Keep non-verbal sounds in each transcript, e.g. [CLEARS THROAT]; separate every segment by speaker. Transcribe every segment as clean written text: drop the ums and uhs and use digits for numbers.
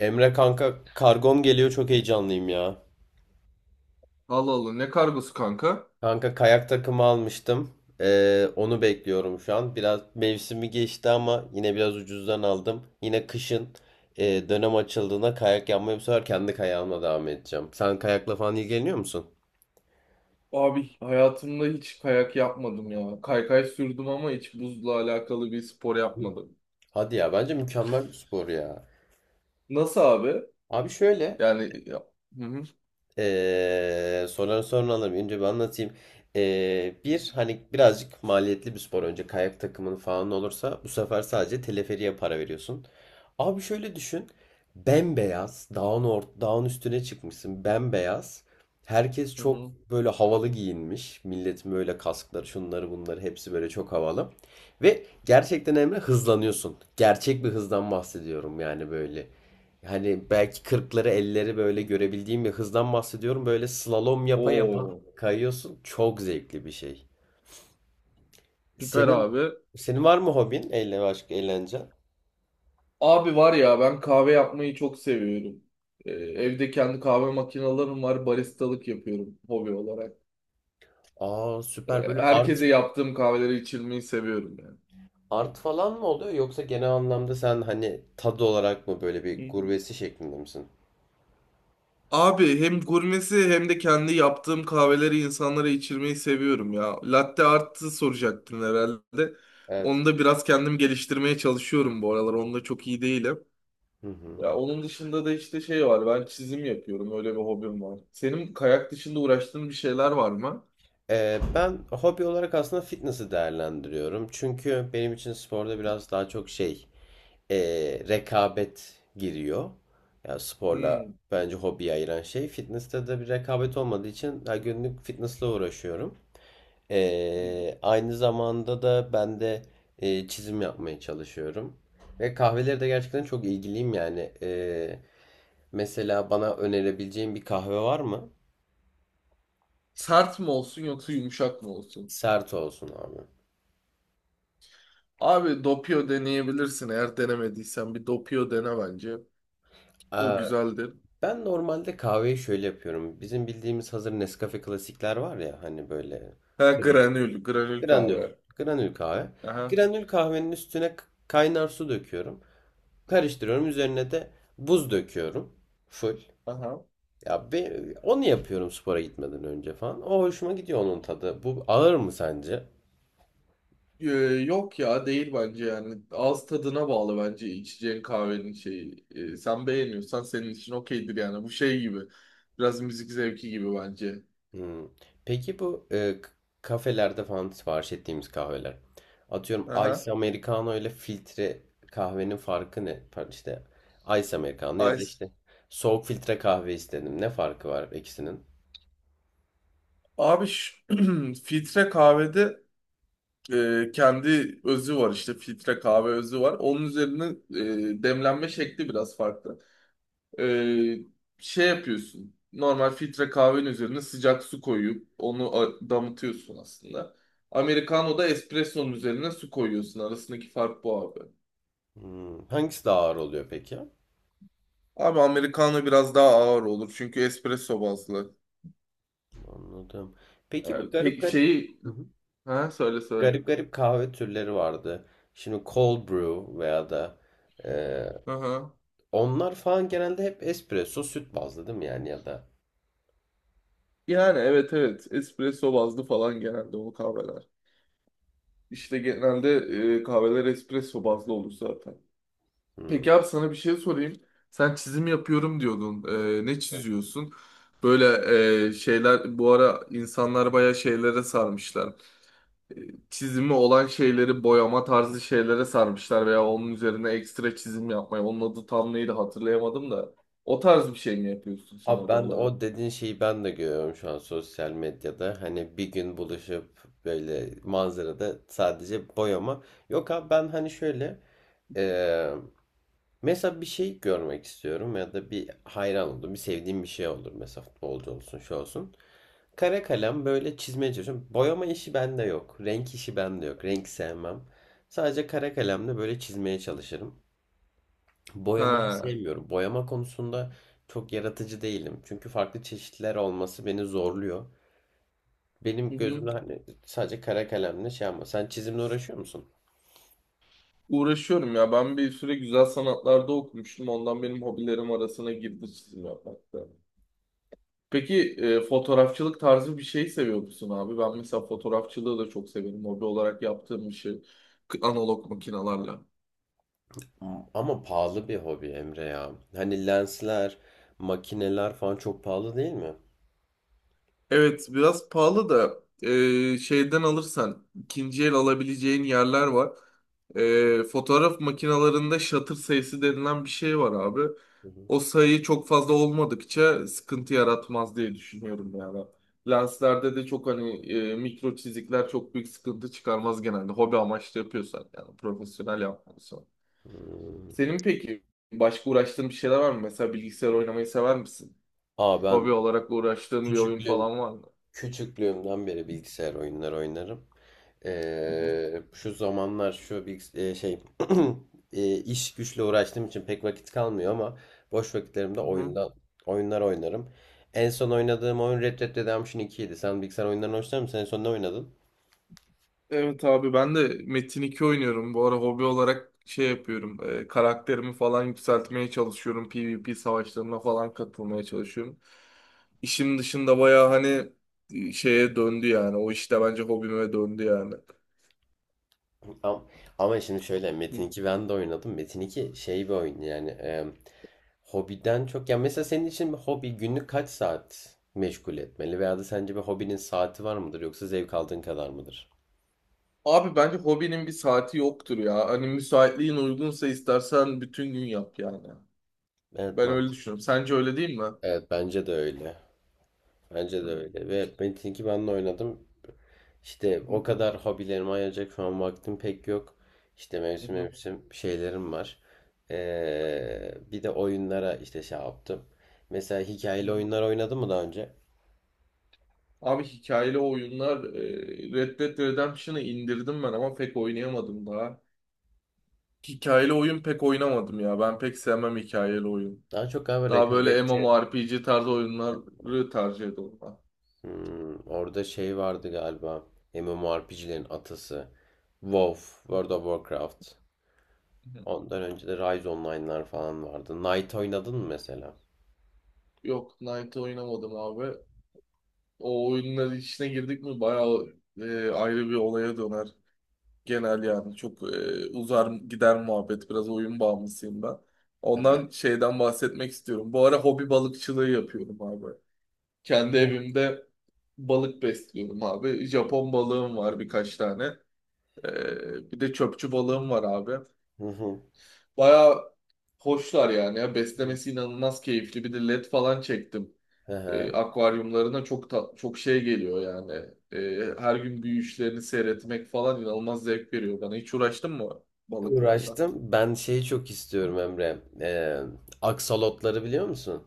Speaker 1: Emre kanka kargom geliyor çok heyecanlıyım ya.
Speaker 2: Allah Allah, ne kargosu kanka?
Speaker 1: Kanka kayak takımı almıştım. Onu bekliyorum şu an. Biraz mevsimi geçti ama yine biraz ucuzdan aldım. Yine kışın dönem açıldığında kayak yapmaya bu sefer kendi kayağımla devam edeceğim. Sen kayakla falan ilgileniyor musun?
Speaker 2: Abi hayatımda hiç kayak yapmadım ya. Kaykay sürdüm ama hiç buzla alakalı bir spor yapmadım.
Speaker 1: Hadi ya bence mükemmel bir spor ya.
Speaker 2: Nasıl abi?
Speaker 1: Abi şöyle.
Speaker 2: Yani ya. Hı hı.
Speaker 1: Soruları sonra alırım. Önce bir anlatayım. Bir hani birazcık maliyetli bir spor. Önce kayak takımın falan olursa bu sefer sadece teleferiğe para veriyorsun. Abi şöyle düşün. Bembeyaz dağın, dağın üstüne çıkmışsın. Bembeyaz. Herkes
Speaker 2: Hı
Speaker 1: çok
Speaker 2: hı.
Speaker 1: böyle havalı giyinmiş. Milletin böyle kaskları şunları bunları hepsi böyle çok havalı. Ve gerçekten Emre hızlanıyorsun. Gerçek bir hızdan bahsediyorum yani böyle. Hani belki kırkları 50'leri böyle görebildiğim bir hızdan bahsediyorum. Böyle slalom yapa yapa
Speaker 2: Oo,
Speaker 1: kayıyorsun. Çok zevkli bir şey.
Speaker 2: süper
Speaker 1: Senin
Speaker 2: abi.
Speaker 1: senin var mı hobin? Eğlence başka eğlence.
Speaker 2: Abi var ya, ben kahve yapmayı çok seviyorum. Evde kendi kahve makinelerim var. Baristalık yapıyorum hobi olarak.
Speaker 1: Aa süper böyle art,
Speaker 2: Herkese yaptığım kahveleri içirmeyi seviyorum yani.
Speaker 1: art falan mı oluyor yoksa genel anlamda sen hani tad olarak mı böyle bir gurbesi şeklinde misin?
Speaker 2: Abi hem gurmesi hem de kendi yaptığım kahveleri insanlara içirmeyi seviyorum ya. Latte art'ı soracaktın herhalde.
Speaker 1: Evet.
Speaker 2: Onu da biraz kendim geliştirmeye çalışıyorum bu aralar. Onda çok iyi değilim.
Speaker 1: Hı hı.
Speaker 2: Ya onun dışında da işte şey var. Ben çizim yapıyorum. Öyle bir hobim var. Senin kayak dışında uğraştığın bir şeyler var mı?
Speaker 1: Ben hobi olarak aslında fitness'ı değerlendiriyorum. Çünkü benim için sporda biraz daha çok şey e, rekabet giriyor. Yani sporla
Speaker 2: Hmm.
Speaker 1: bence hobiyi ayıran şey. Fitness'te de bir rekabet olmadığı için her günlük fitness'la uğraşıyorum.
Speaker 2: Hmm.
Speaker 1: E, aynı zamanda da ben de çizim yapmaya çalışıyorum. Ve kahveleri de gerçekten çok ilgiliyim yani. E, mesela bana önerebileceğin bir kahve var mı?
Speaker 2: Sert mi olsun yoksa yumuşak mı olsun?
Speaker 1: Sert olsun abi.
Speaker 2: Abi dopio deneyebilirsin. Eğer denemediysen bir dopio dene bence. O
Speaker 1: Aa,
Speaker 2: güzeldir.
Speaker 1: ben normalde kahveyi şöyle yapıyorum. Bizim bildiğimiz hazır Nescafe klasikler var ya hani böyle.
Speaker 2: Ha, granül, granül
Speaker 1: Granül.
Speaker 2: kahve.
Speaker 1: Granül kahve.
Speaker 2: Aha.
Speaker 1: Granül kahvenin üstüne kaynar su döküyorum. Karıştırıyorum. Üzerine de buz döküyorum. Full.
Speaker 2: Aha.
Speaker 1: Ya be, onu yapıyorum spora gitmeden önce falan. O hoşuma gidiyor onun tadı. Bu ağır mı sence?
Speaker 2: Ee, Yok ya, değil bence yani. Ağız tadına bağlı bence içeceğin kahvenin şeyi. Sen beğeniyorsan senin için okeydir yani. Bu şey gibi. Biraz müzik zevki gibi bence.
Speaker 1: Hmm. Peki bu kafelerde falan sipariş ettiğimiz kahveler. Atıyorum
Speaker 2: Aha.
Speaker 1: Ice Americano ile filtre kahvenin farkı ne? Pardon, İşte Ice Americano ya da
Speaker 2: Ice.
Speaker 1: işte soğuk filtre kahve istedim. Ne farkı var ikisinin?
Speaker 2: Abi şu- [CLEARS THROAT] filtre kahvede kendi özü var işte. Filtre kahve özü var. Onun üzerine demlenme şekli biraz farklı. Ee, Şey yapıyorsun. Normal filtre kahvenin üzerine sıcak su koyup onu a- damıtıyorsun aslında. Americano da espresso'nun üzerine su koyuyorsun. Arasındaki fark bu abi.
Speaker 1: Hmm, hangisi daha ağır oluyor peki?
Speaker 2: Abi Americano biraz daha ağır olur çünkü espresso bazlı.
Speaker 1: Anladım. Peki bu
Speaker 2: Ee,
Speaker 1: garip
Speaker 2: pek
Speaker 1: garip.
Speaker 2: şeyi...
Speaker 1: Hı hı.
Speaker 2: Ha, söyle söyle.
Speaker 1: Garip garip kahve türleri vardı. Şimdi cold brew veya da e,
Speaker 2: Aha.
Speaker 1: onlar falan genelde hep espresso süt bazlı değil mi yani ya da.
Speaker 2: Yani evet evet espresso bazlı falan genelde o kahveler. İşte genelde kahveler espresso bazlı olur zaten.
Speaker 1: Hmm.
Speaker 2: Peki abi, sana bir şey sorayım. Sen çizim yapıyorum diyordun. Ne çiziyorsun? Böyle şeyler, bu ara insanlar bayağı şeylere sarmışlar. Ee, Çizimi olan şeyleri boyama tarzı şeylere sarmışlar veya onun üzerine ekstra çizim yapmaya. Onun adı tam neydi hatırlayamadım da. O tarz bir şey mi yapıyorsun sen
Speaker 1: Abi
Speaker 2: abi
Speaker 1: ben de
Speaker 2: olarak?
Speaker 1: o dediğin şeyi ben de görüyorum şu an sosyal medyada. Hani bir gün buluşup böyle manzarada sadece boyama. Yok abi ben hani şöyle, e, mesela bir şey görmek istiyorum ya da bir hayran oldum, bir sevdiğim bir şey olur. Mesela futbolcu olsun, şu olsun. Kara kalem böyle çizmeye çalışıyorum. Boyama işi bende yok. Renk işi bende yok. Renk sevmem. Sadece kara kalemle böyle çizmeye çalışırım. Boyamayı
Speaker 2: Ha.
Speaker 1: sevmiyorum. Boyama konusunda çok yaratıcı değilim. Çünkü farklı çeşitler olması beni zorluyor.
Speaker 2: Hı
Speaker 1: Benim
Speaker 2: hı.
Speaker 1: gözümde hani sadece kara kalemle şey ama sen çizimle uğraşıyor musun?
Speaker 2: Uğraşıyorum ya. Ben bir süre güzel sanatlarda okumuştum. Ondan benim hobilerim arasına girdi çizim yapmak da. Peki fotoğrafçılık tarzı bir şey seviyor musun abi? Ben mesela fotoğrafçılığı da çok severim. Hobi olarak yaptığım bir şey. K- analog makinalarla.
Speaker 1: Ama pahalı bir hobi Emre ya. Hani lensler, makineler falan çok pahalı değil mi?
Speaker 2: Evet, biraz pahalı da şeyden alırsan ikinci el alabileceğin yerler var. E, fotoğraf makinalarında shutter sayısı denilen bir şey var abi.
Speaker 1: Hı hı.
Speaker 2: O sayı çok fazla olmadıkça sıkıntı yaratmaz diye düşünüyorum yani. Lenslerde de çok hani mikro çizikler çok büyük sıkıntı çıkarmaz genelde. Hobi amaçlı yapıyorsan yani, profesyonel yapmıyorsan.
Speaker 1: Hmm.
Speaker 2: Senin peki başka uğraştığın bir şeyler var mı? Mesela bilgisayar oynamayı sever misin?
Speaker 1: Aa
Speaker 2: Hobi
Speaker 1: ben
Speaker 2: olarak uğraştığın bir oyun
Speaker 1: küçüklüğüm
Speaker 2: falan var mı?
Speaker 1: küçüklüğümden beri bilgisayar oyunları oynarım.
Speaker 2: Hı hı.
Speaker 1: Şu zamanlar şu bilgis e, şey [CLEARS THROAT] iş güçle uğraştığım için pek vakit kalmıyor ama boş vakitlerimde
Speaker 2: Hı hı.
Speaker 1: oyunlar oynarım. En son oynadığım oyun Red Dead Redemption 2 idi. Sen bilgisayar oyunlarını hoşlanır mısın? En son ne oynadın?
Speaker 2: Evet abi, ben de Metin 2 oynuyorum. Bu ara hobi olarak şey yapıyorum. Karakterimi falan yükseltmeye çalışıyorum. PvP savaşlarına falan katılmaya çalışıyorum. İşim dışında baya hani şeye döndü yani. O işte bence hobime döndü yani.
Speaker 1: Am- Ama şimdi şöyle Metin
Speaker 2: Hı.
Speaker 1: 2 ben de oynadım. Metin 2 şey bir oyun yani, hobiden çok ya mesela senin için bir hobi günlük kaç saat meşgul etmeli veya da sence bir hobinin saati var mıdır yoksa zevk aldığın kadar mıdır?
Speaker 2: Abi bence hobinin bir saati yoktur ya. Hani müsaitliğin uygunsa istersen bütün gün yap yani.
Speaker 1: Evet
Speaker 2: Ben öyle
Speaker 1: mantıklı.
Speaker 2: düşünüyorum. Sence öyle değil mi?
Speaker 1: Evet bence de öyle. Bence
Speaker 2: Hı.
Speaker 1: de öyle ve Metin 2 ben de oynadım. İşte
Speaker 2: Hı.
Speaker 1: o kadar hobilerime ayıracak şu an vaktim pek yok. İşte mevsim
Speaker 2: Hı.
Speaker 1: mevsim şeylerim var. Bir de oyunlara işte şey yaptım. Mesela hikayeli
Speaker 2: Hı.
Speaker 1: oyunlar oynadın mı daha önce?
Speaker 2: Abi hikayeli oyunlar, Red Dead Redemption'ı indirdim ben ama pek oynayamadım daha. Hikayeli oyun pek oynamadım ya. Ben pek sevmem hikayeli oyun.
Speaker 1: Daha çok galiba
Speaker 2: Daha böyle
Speaker 1: rekabetçi.
Speaker 2: MMORPG tarzı oyunları tercih ediyorum ben.
Speaker 1: Hmm, orada şey vardı galiba. MMORPG'lerin atası. WoW, World of Warcraft.
Speaker 2: [LAUGHS] Hı.
Speaker 1: Ondan önce de Rise Online'lar falan vardı. Knight oynadın mı mesela?
Speaker 2: Yok, Knight'ı oynamadım abi. O oyunların içine girdik mi bayağı ayrı bir olaya döner. Genel yani çok uzar gider muhabbet. Biraz oyun bağımlısıyım ben. Ondan şeyden bahsetmek istiyorum. Bu ara hobi balıkçılığı yapıyorum abi. Kendi evimde balık besliyorum abi. Japon balığım var birkaç tane. Bir de çöpçü balığım var abi.
Speaker 1: Hı hı.
Speaker 2: Baya hoşlar yani ya. Beslemesi inanılmaz keyifli. Bir de led falan çektim.
Speaker 1: Hı hı.
Speaker 2: Akvaryumlarına çok ta- çok şey geliyor yani. Her gün büyüyüşlerini seyretmek falan inanılmaz zevk veriyor bana. Hiç uğraştın mı balıklarla?
Speaker 1: Uğraştım. Ben şeyi çok istiyorum Emre. Aksolotları biliyor musun?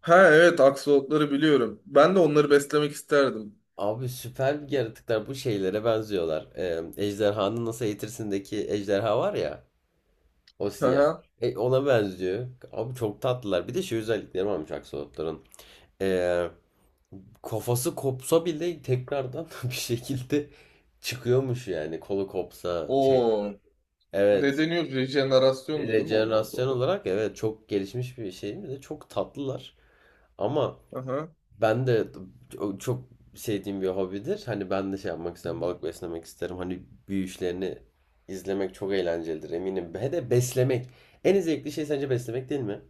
Speaker 2: Ha evet, aksolotları biliyorum. Ben de onları beslemek isterdim.
Speaker 1: Abi süper bir yaratıklar. Bu şeylere benziyorlar. Ejderhanın Nasıl Eğitirsin'deki ejderha var ya. O
Speaker 2: Hı
Speaker 1: siyah.
Speaker 2: hı.
Speaker 1: E, ona benziyor. Abi çok tatlılar. Bir de şey özellikleri varmış aksolotların. Ee, Kafası kopsa bile tekrardan [LAUGHS] bir şekilde çıkıyormuş yani. Kolu kopsa şey.
Speaker 2: Oo. Ne
Speaker 1: Evet.
Speaker 2: deniyor? Rejenerasyondu değil mi onun adı?
Speaker 1: Rejenerasyon olarak evet çok gelişmiş bir şey. Bir de çok tatlılar. Ama
Speaker 2: Aha.
Speaker 1: ben de çok sevdiğim bir hobidir. Hani ben de şey yapmak
Speaker 2: Hı
Speaker 1: isterim.
Speaker 2: hı.
Speaker 1: Balık beslemek isterim. Hani büyüyüşlerini izlemek çok eğlencelidir eminim. He de beslemek. En zevkli şey sence beslemek değil mi?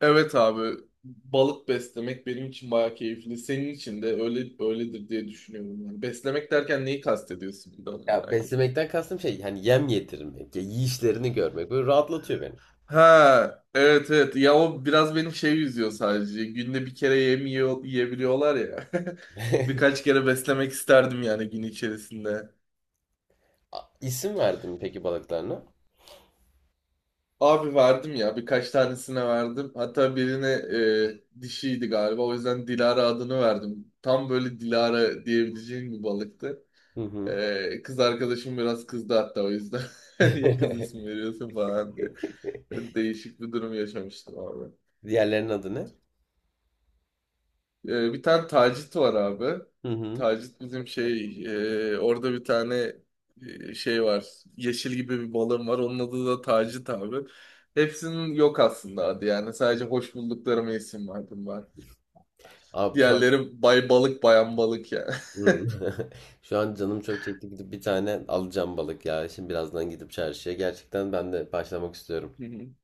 Speaker 2: Evet abi. Balık beslemek benim için bayağı keyifli. Senin için de öyle öyledir diye düşünüyorum. Yani beslemek derken neyi kastediyorsun, bir de onu
Speaker 1: Ya
Speaker 2: merak ettim.
Speaker 1: beslemekten kastım şey hani yem yedirmek, ya yiyişlerini görmek böyle rahatlatıyor beni.
Speaker 2: Ha, evet evet. Ya o biraz benim şey, yüzüyor sadece. Günde bir kere yem yiyor, yiyebiliyorlar ya. [LAUGHS] Birkaç
Speaker 1: [LAUGHS]
Speaker 2: kere beslemek isterdim yani gün içerisinde.
Speaker 1: İsim verdin mi peki balıklarına?
Speaker 2: Abi verdim ya, birkaç tanesine verdim. Hatta birine dişiydi galiba. O yüzden Dilara adını verdim. Tam böyle Dilara diyebileceğim bir balıktı.
Speaker 1: Hı hı.
Speaker 2: Kız arkadaşım biraz kızdı hatta o yüzden. [LAUGHS] Niye kız ismi
Speaker 1: [LAUGHS]
Speaker 2: veriyorsun falan diye. Değişik bir durum yaşamıştım abi.
Speaker 1: Diğerlerinin adı ne?
Speaker 2: Bir tane Tacit var abi.
Speaker 1: Hı hı.
Speaker 2: Tacit bizim şey orada bir tane şey var. Yeşil gibi bir balığım var. Onun adı da Tacit abi. Hepsinin yok aslında adı yani. Sadece hoş bulduklarıma isim verdim ben.
Speaker 1: Abi şu an.
Speaker 2: Diğerleri bay balık, bayan balık yani.
Speaker 1: Hı. [LAUGHS] Şu an canım çok çekti gidip bir tane alacağım balık ya. Şimdi birazdan gidip çarşıya. Gerçekten ben de başlamak istiyorum.
Speaker 2: [LAUGHS]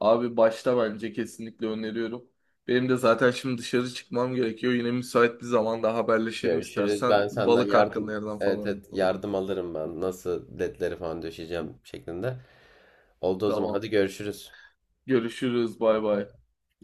Speaker 2: Abi başta bence kesinlikle öneriyorum. Benim de zaten şimdi dışarı çıkmam gerekiyor. Yine müsait bir zamanda haberleşelim
Speaker 1: Görüşürüz.
Speaker 2: istersen.
Speaker 1: Ben senden
Speaker 2: Balık hakkında
Speaker 1: yardım
Speaker 2: yerden
Speaker 1: evet,
Speaker 2: falan
Speaker 1: evet
Speaker 2: yapalım.
Speaker 1: yardım alırım ben. Nasıl ledleri falan döşeyeceğim şeklinde. Oldu o zaman.
Speaker 2: Tamam.
Speaker 1: Hadi görüşürüz.
Speaker 2: Görüşürüz. Bay bay.